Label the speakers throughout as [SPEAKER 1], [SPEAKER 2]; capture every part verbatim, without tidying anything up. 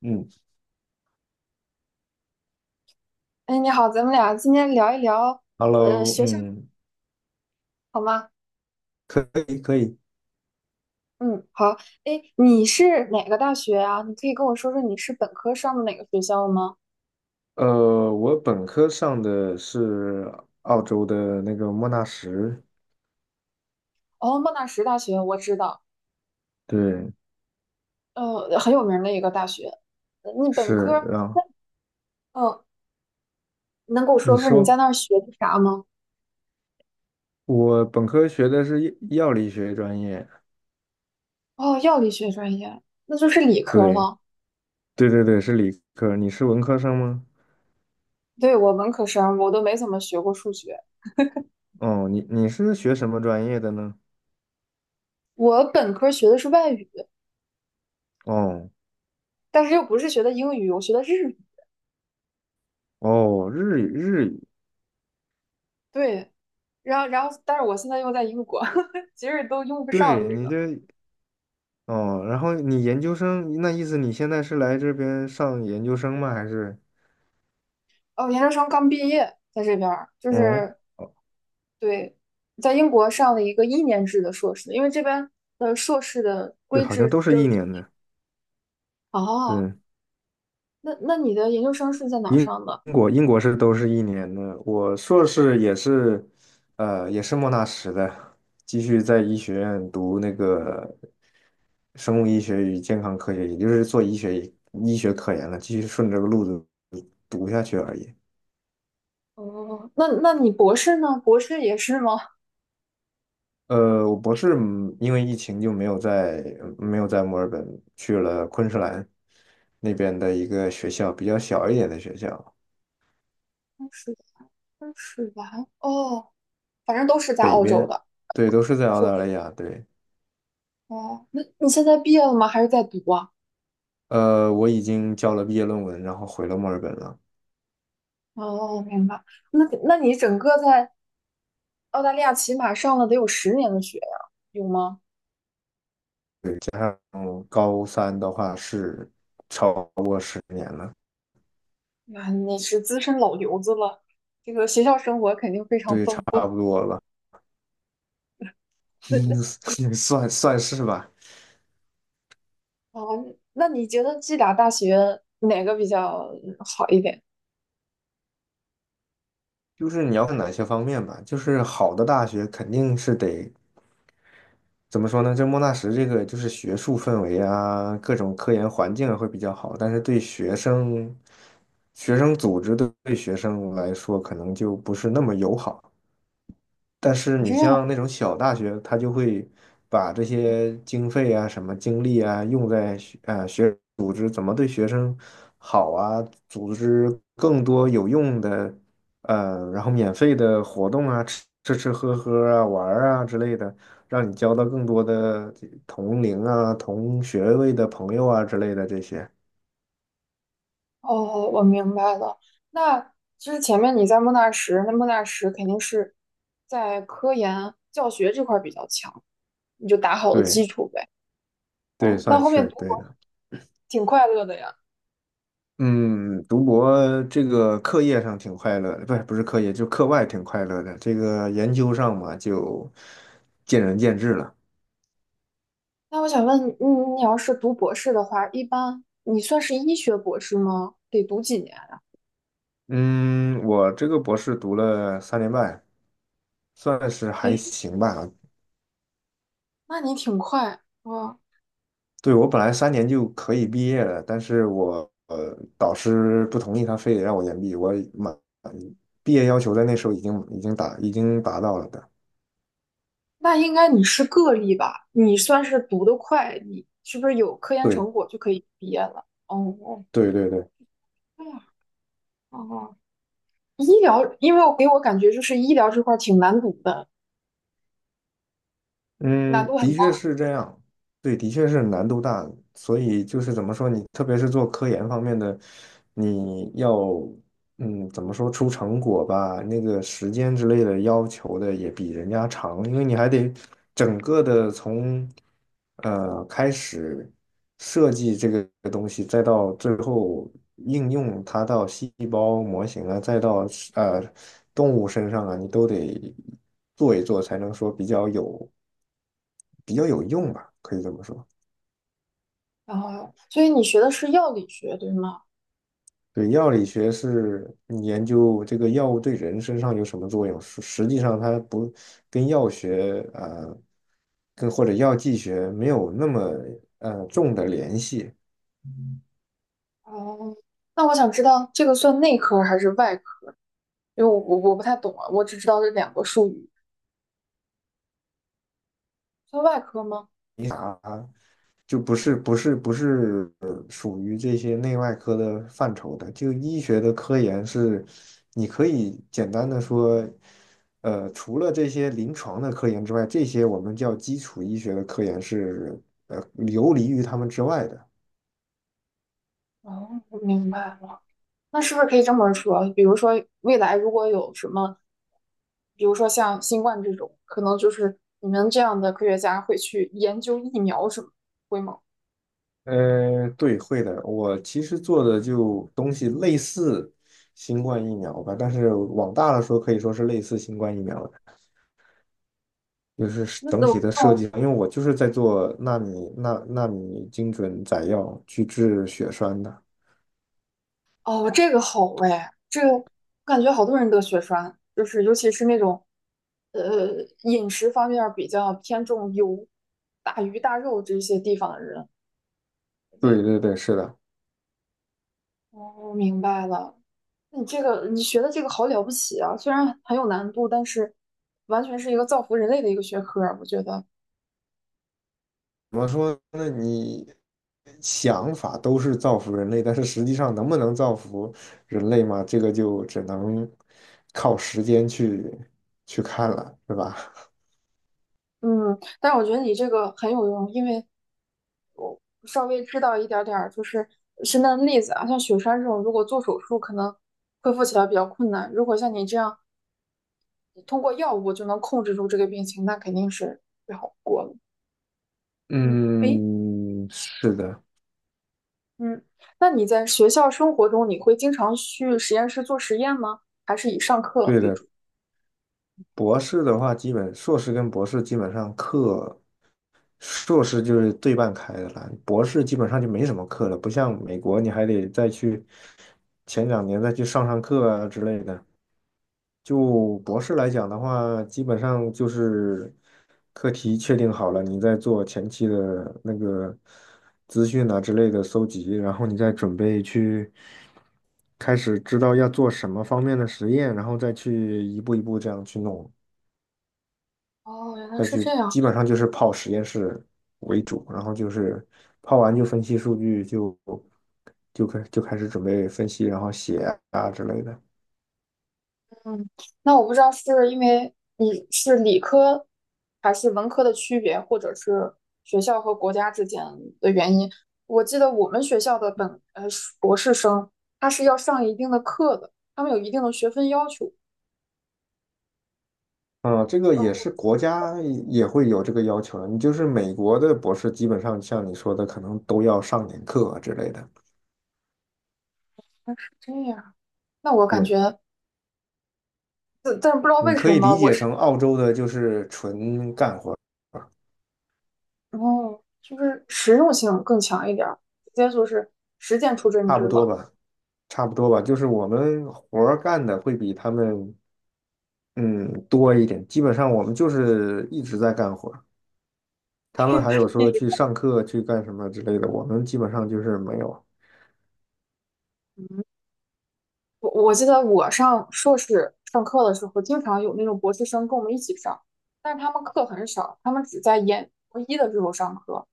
[SPEAKER 1] 嗯
[SPEAKER 2] 哎，你好，咱们俩今天聊一聊，呃，
[SPEAKER 1] ，Hello，
[SPEAKER 2] 学校
[SPEAKER 1] 嗯，
[SPEAKER 2] 好吗？
[SPEAKER 1] 可以可以。
[SPEAKER 2] 嗯，好。哎，你是哪个大学啊？你可以跟我说说你是本科上的哪个学校吗？
[SPEAKER 1] 呃，我本科上的是澳洲的那个莫纳什，
[SPEAKER 2] 哦，莫纳什大学我知道，
[SPEAKER 1] 对，
[SPEAKER 2] 呃，很有名的一个大学。呃你本
[SPEAKER 1] 是
[SPEAKER 2] 科，
[SPEAKER 1] 啊。
[SPEAKER 2] 嗯，能给我
[SPEAKER 1] 你
[SPEAKER 2] 说说你在
[SPEAKER 1] 说，
[SPEAKER 2] 那儿学的啥吗？
[SPEAKER 1] 我本科学的是药药理学专业，
[SPEAKER 2] 哦，药理学专业，那就是理科
[SPEAKER 1] 对，
[SPEAKER 2] 了。
[SPEAKER 1] 对对对，是理科。你是文科生吗？
[SPEAKER 2] 对，我文科生，我都没怎么学过数学。
[SPEAKER 1] 哦，你你是学什么专业的呢？
[SPEAKER 2] 我本科学的是外语，
[SPEAKER 1] 哦
[SPEAKER 2] 但是又不是学的英语，我学的日语。
[SPEAKER 1] 哦，日语日语，
[SPEAKER 2] 对。然后然后，但是我现在又在英国，其实都用不上
[SPEAKER 1] 对
[SPEAKER 2] 这
[SPEAKER 1] 你
[SPEAKER 2] 个。
[SPEAKER 1] 这哦，然后你研究生，那意思你现在是来这边上研究生吗？还是？
[SPEAKER 2] 哦，研究生刚毕业，在这边儿就
[SPEAKER 1] 嗯。
[SPEAKER 2] 是对，在英国上了一个一年制的硕士，因为这边的硕士的
[SPEAKER 1] 对，
[SPEAKER 2] 规
[SPEAKER 1] 好像
[SPEAKER 2] 制
[SPEAKER 1] 都
[SPEAKER 2] 只
[SPEAKER 1] 是
[SPEAKER 2] 有
[SPEAKER 1] 一
[SPEAKER 2] 一。
[SPEAKER 1] 年的。
[SPEAKER 2] 哦，
[SPEAKER 1] 对，
[SPEAKER 2] 那那你的研究生是在哪儿
[SPEAKER 1] 英
[SPEAKER 2] 上的？
[SPEAKER 1] 国英国是都是一年的。我硕士也是，呃，也是莫纳什的，继续在医学院读那个生物医学与健康科学，也就是做医学医学科研了，继续顺着这个路子读下去而已。
[SPEAKER 2] 哦，那那你博士呢？博士也是吗？
[SPEAKER 1] 呃，我博士嗯因为疫情就没有在没有在墨尔本，去了昆士兰那边的一个学校，比较小一点的学校，
[SPEAKER 2] 当是，当是完哦，反正都是在
[SPEAKER 1] 北
[SPEAKER 2] 澳洲
[SPEAKER 1] 边，
[SPEAKER 2] 的
[SPEAKER 1] 对，都是在澳
[SPEAKER 2] 硕
[SPEAKER 1] 大
[SPEAKER 2] 士。
[SPEAKER 1] 利亚，对。
[SPEAKER 2] 哦，那你现在毕业了吗？还是在读啊？
[SPEAKER 1] 呃，我已经交了毕业论文，然后回了墨尔本了。
[SPEAKER 2] 哦，明白。那那你整个在澳大利亚起码上了得有十年的学呀，有吗？
[SPEAKER 1] 对，加上高三的话是超过十年了，
[SPEAKER 2] 那你是资深老油子了，这个学校生活肯定非常
[SPEAKER 1] 对，差
[SPEAKER 2] 丰富。
[SPEAKER 1] 不多了，
[SPEAKER 2] 那
[SPEAKER 1] 算算是吧。
[SPEAKER 2] 啊那你觉得这俩大学哪个比较好一点？
[SPEAKER 1] 就是你要看哪些方面吧，就是好的大学肯定是得怎么说呢？就莫纳什这个就是学术氛围啊，各种科研环境啊会比较好，但是对学生、学生组织对对学生来说可能就不是那么友好。但是
[SPEAKER 2] 哦这
[SPEAKER 1] 你
[SPEAKER 2] 样，
[SPEAKER 1] 像那种小大学，他就会把这些经费啊、什么精力啊，用在学呃学组织怎么对学生好啊，组织更多有用的呃，然后免费的活动啊，吃吃吃喝喝啊，玩儿啊之类的，让你交到更多的这同龄啊、同学位的朋友啊之类的这些。
[SPEAKER 2] 哦，我明白了。那就是前面你在莫纳什，那莫纳什肯定是在科研教学这块儿比较强，你就打好了
[SPEAKER 1] 对
[SPEAKER 2] 基础呗。
[SPEAKER 1] 对，
[SPEAKER 2] 哦，那
[SPEAKER 1] 算
[SPEAKER 2] 后面
[SPEAKER 1] 是
[SPEAKER 2] 读
[SPEAKER 1] 对
[SPEAKER 2] 博
[SPEAKER 1] 的。
[SPEAKER 2] 挺快乐的呀。
[SPEAKER 1] 嗯，读博这个课业上挺快乐的不是不是课业，就课外挺快乐的。这个研究上嘛，就见仁见智了。
[SPEAKER 2] 那我想问，你，你要是读博士的话，一般你算是医学博士吗？得读几年呀？
[SPEAKER 1] 嗯，我这个博士读了三年半，算是还
[SPEAKER 2] 诶，
[SPEAKER 1] 行吧。
[SPEAKER 2] 那你挺快啊！
[SPEAKER 1] 对，我本来三年就可以毕业了，但是我呃导师不同意，他非得让我延毕。我满毕业要求在那时候已经已经达已经达到了的。
[SPEAKER 2] 那应该你是个例吧？你算是读得快，你是不是有科研成
[SPEAKER 1] 对
[SPEAKER 2] 果就可以毕业了？哦，
[SPEAKER 1] 对对对。
[SPEAKER 2] 对呀，哦，医疗，因为我给我感觉就是医疗这块儿挺难读的，难
[SPEAKER 1] 嗯，
[SPEAKER 2] 度很
[SPEAKER 1] 的确
[SPEAKER 2] 大。
[SPEAKER 1] 是这样，对，的确是难度大，所以就是怎么说，你特别是做科研方面的，你要嗯，怎么说出成果吧，那个时间之类的要求的也比人家长，因为你还得整个的从呃开始设计这个东西，再到最后应用它到细胞模型啊，再到呃动物身上啊，你都得做一做，才能说比较有比较有用吧，可以这么说。
[SPEAKER 2] 然所以你学的是药理学，对吗？
[SPEAKER 1] 对，药理学是研究这个药物对人身上有什么作用，实实际上它不跟药学啊呃，跟或者药剂学没有那么呃重的联系，
[SPEAKER 2] 哦，那我想知道这个算内科还是外科？因为我我我不太懂啊，我只知道这两个术语。做外科吗？
[SPEAKER 1] 你就不是不是不是呃属于这些内外科的范畴的。就医学的科研是，你可以简单的说，呃，除了这些临床的科研之外，这些我们叫基础医学的科研是呃游离于他们之外的。
[SPEAKER 2] 哦，我明白了。那是不是可以这么说？比如说，未来如果有什么，比如说像新冠这种，可能就是你们这样的科学家会去研究疫苗什么，会吗？
[SPEAKER 1] 呃，对，会的。我其实做的就东西类似新冠疫苗吧，但是往大了说，可以说是类似新冠疫苗的，就是
[SPEAKER 2] 那
[SPEAKER 1] 整
[SPEAKER 2] 那我
[SPEAKER 1] 体的设计。因为我就是在做纳米纳纳米精准载药去治血栓的。
[SPEAKER 2] 哦，这个好哎，这个我感觉好多人得血栓，就是尤其是那种呃饮食方面比较偏重油、大鱼大肉这些地方的人。
[SPEAKER 1] 对
[SPEAKER 2] 对，
[SPEAKER 1] 对对，是的。
[SPEAKER 2] 哦，我明白了。你这个你学的这个好了不起啊，虽然很有难度，但是完全是一个造福人类的一个学科儿，我觉得。
[SPEAKER 1] 怎么说呢？你想法都是造福人类，但是实际上能不能造福人类嘛？这个就只能靠时间去去看了，是吧？
[SPEAKER 2] 嗯，但是我觉得你这个很有用，因为稍微知道一点儿点儿就是身边的例子啊，像雪山这种，如果做手术可能恢复起来比较困难，如果像你这样通过药物就能控制住这个病情，那肯定是最好不过了。嗯，诶，
[SPEAKER 1] 嗯，是的，
[SPEAKER 2] 嗯，那你在学校生活中，你会经常去实验室做实验吗？还是以上课
[SPEAKER 1] 对
[SPEAKER 2] 为
[SPEAKER 1] 的。
[SPEAKER 2] 主？
[SPEAKER 1] 博士的话，基本硕士跟博士基本上课，硕士就是对半开的了，博士基本上就没什么课了，不像美国，你还得再去前两年再去上上课啊之类的。就博士来讲的话，基本上就是课题确定好了，你再做前期的那个资讯啊之类的搜集，然后你再准备去开始知道要做什么方面的实验，然后再去一步一步这样去弄，
[SPEAKER 2] 哦，原来
[SPEAKER 1] 再
[SPEAKER 2] 是这
[SPEAKER 1] 去
[SPEAKER 2] 样。
[SPEAKER 1] 基本上就是泡实验室为主，然后就是泡完就分析数据就，就开就开始准备分析，然后写啊之类的。
[SPEAKER 2] 嗯，那我不知道是因为你是理科还是文科的区别，或者是学校和国家之间的原因。我记得我们学校的本呃博士生，他是要上一定的课的，他们有一定的学分要求。
[SPEAKER 1] 啊，这个
[SPEAKER 2] 呃，
[SPEAKER 1] 也
[SPEAKER 2] 我
[SPEAKER 1] 是国家也会有这个要求的。你就是美国的博士，基本上像你说的，可能都要上点课啊之类的。
[SPEAKER 2] 们是这样。那我感
[SPEAKER 1] 对，
[SPEAKER 2] 觉，但但是不知道
[SPEAKER 1] 你
[SPEAKER 2] 为
[SPEAKER 1] 可
[SPEAKER 2] 什
[SPEAKER 1] 以
[SPEAKER 2] 么，
[SPEAKER 1] 理
[SPEAKER 2] 我
[SPEAKER 1] 解
[SPEAKER 2] 是
[SPEAKER 1] 成澳洲的就是纯干活儿，
[SPEAKER 2] 哦，就是实用性更强一点儿，直接就是实践出真
[SPEAKER 1] 差
[SPEAKER 2] 知
[SPEAKER 1] 不多
[SPEAKER 2] 了。
[SPEAKER 1] 吧，差不多吧。就是我们活儿干的会比他们嗯多一点，基本上我们就是一直在干活儿。他们还有说去 上课去干什么之类的，我们基本上就是没有。
[SPEAKER 2] 我我记得我上硕士上课的时候，经常有那种博士生跟我们一起上，但是他们课很少，他们只在研博一的时候上课。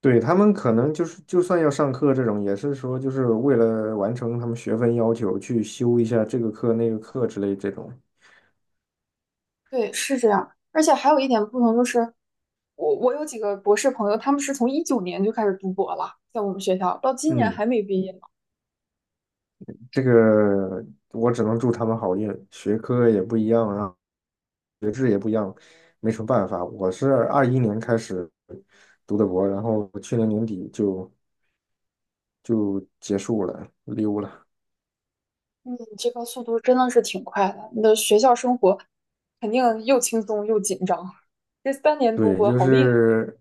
[SPEAKER 1] 对，他们可能就是，就算要上课这种，也是说就是为了完成他们学分要求，去修一下这个课那个课之类这种。
[SPEAKER 2] 对，是这样。而且还有一点不同就是，我我有几个博士朋友，他们是从二零一九年就开始读博了，在我们学校到今年
[SPEAKER 1] 嗯，
[SPEAKER 2] 还没毕业呢。
[SPEAKER 1] 这个我只能祝他们好运，学科也不一样啊，学制也不一样，没什么办法。我是二一年开始读的博，然后去年年底就就结束了，溜了。
[SPEAKER 2] 嗯，这个速度真的是挺快的。你的学校生活肯定又轻松又紧张，这三年读
[SPEAKER 1] 对，
[SPEAKER 2] 博
[SPEAKER 1] 就
[SPEAKER 2] 好厉害。
[SPEAKER 1] 是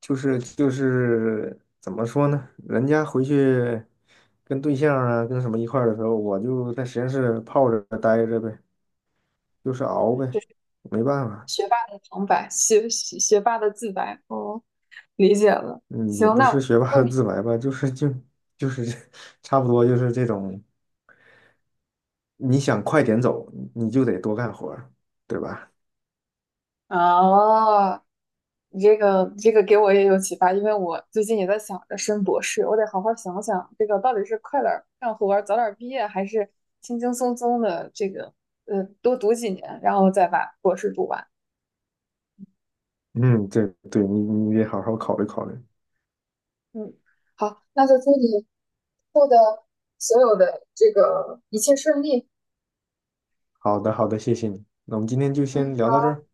[SPEAKER 1] 就是就是怎么说呢？人家回去跟对象啊，跟什么一块儿的时候，我就在实验室泡着待着呗，就是熬呗，没办法，
[SPEAKER 2] 学霸的旁白，学学学霸的自白。哦，理解了。
[SPEAKER 1] 嗯，也
[SPEAKER 2] 行，
[SPEAKER 1] 不是
[SPEAKER 2] 那
[SPEAKER 1] 学霸
[SPEAKER 2] 问
[SPEAKER 1] 的
[SPEAKER 2] 你
[SPEAKER 1] 自白吧，就是就就是 差不多就是这种，你想快点走，你就得多干活儿对吧？
[SPEAKER 2] 啊，你这个这个给我也有启发，因为我最近也在想着升博士，我得好好想想这个到底是快点儿干活儿早点儿毕业，还是轻轻松松的这个呃多读几年，然后再把博士读完。
[SPEAKER 1] 嗯，对对，你你得好好考虑考虑。
[SPEAKER 2] 嗯，好，那就祝你以后的所有的这个一切顺利。
[SPEAKER 1] 好的好的，谢谢你，那我们今天就
[SPEAKER 2] 嗯，
[SPEAKER 1] 先聊到这儿，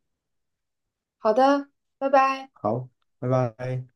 [SPEAKER 2] 好的，拜拜。
[SPEAKER 1] 好，拜拜。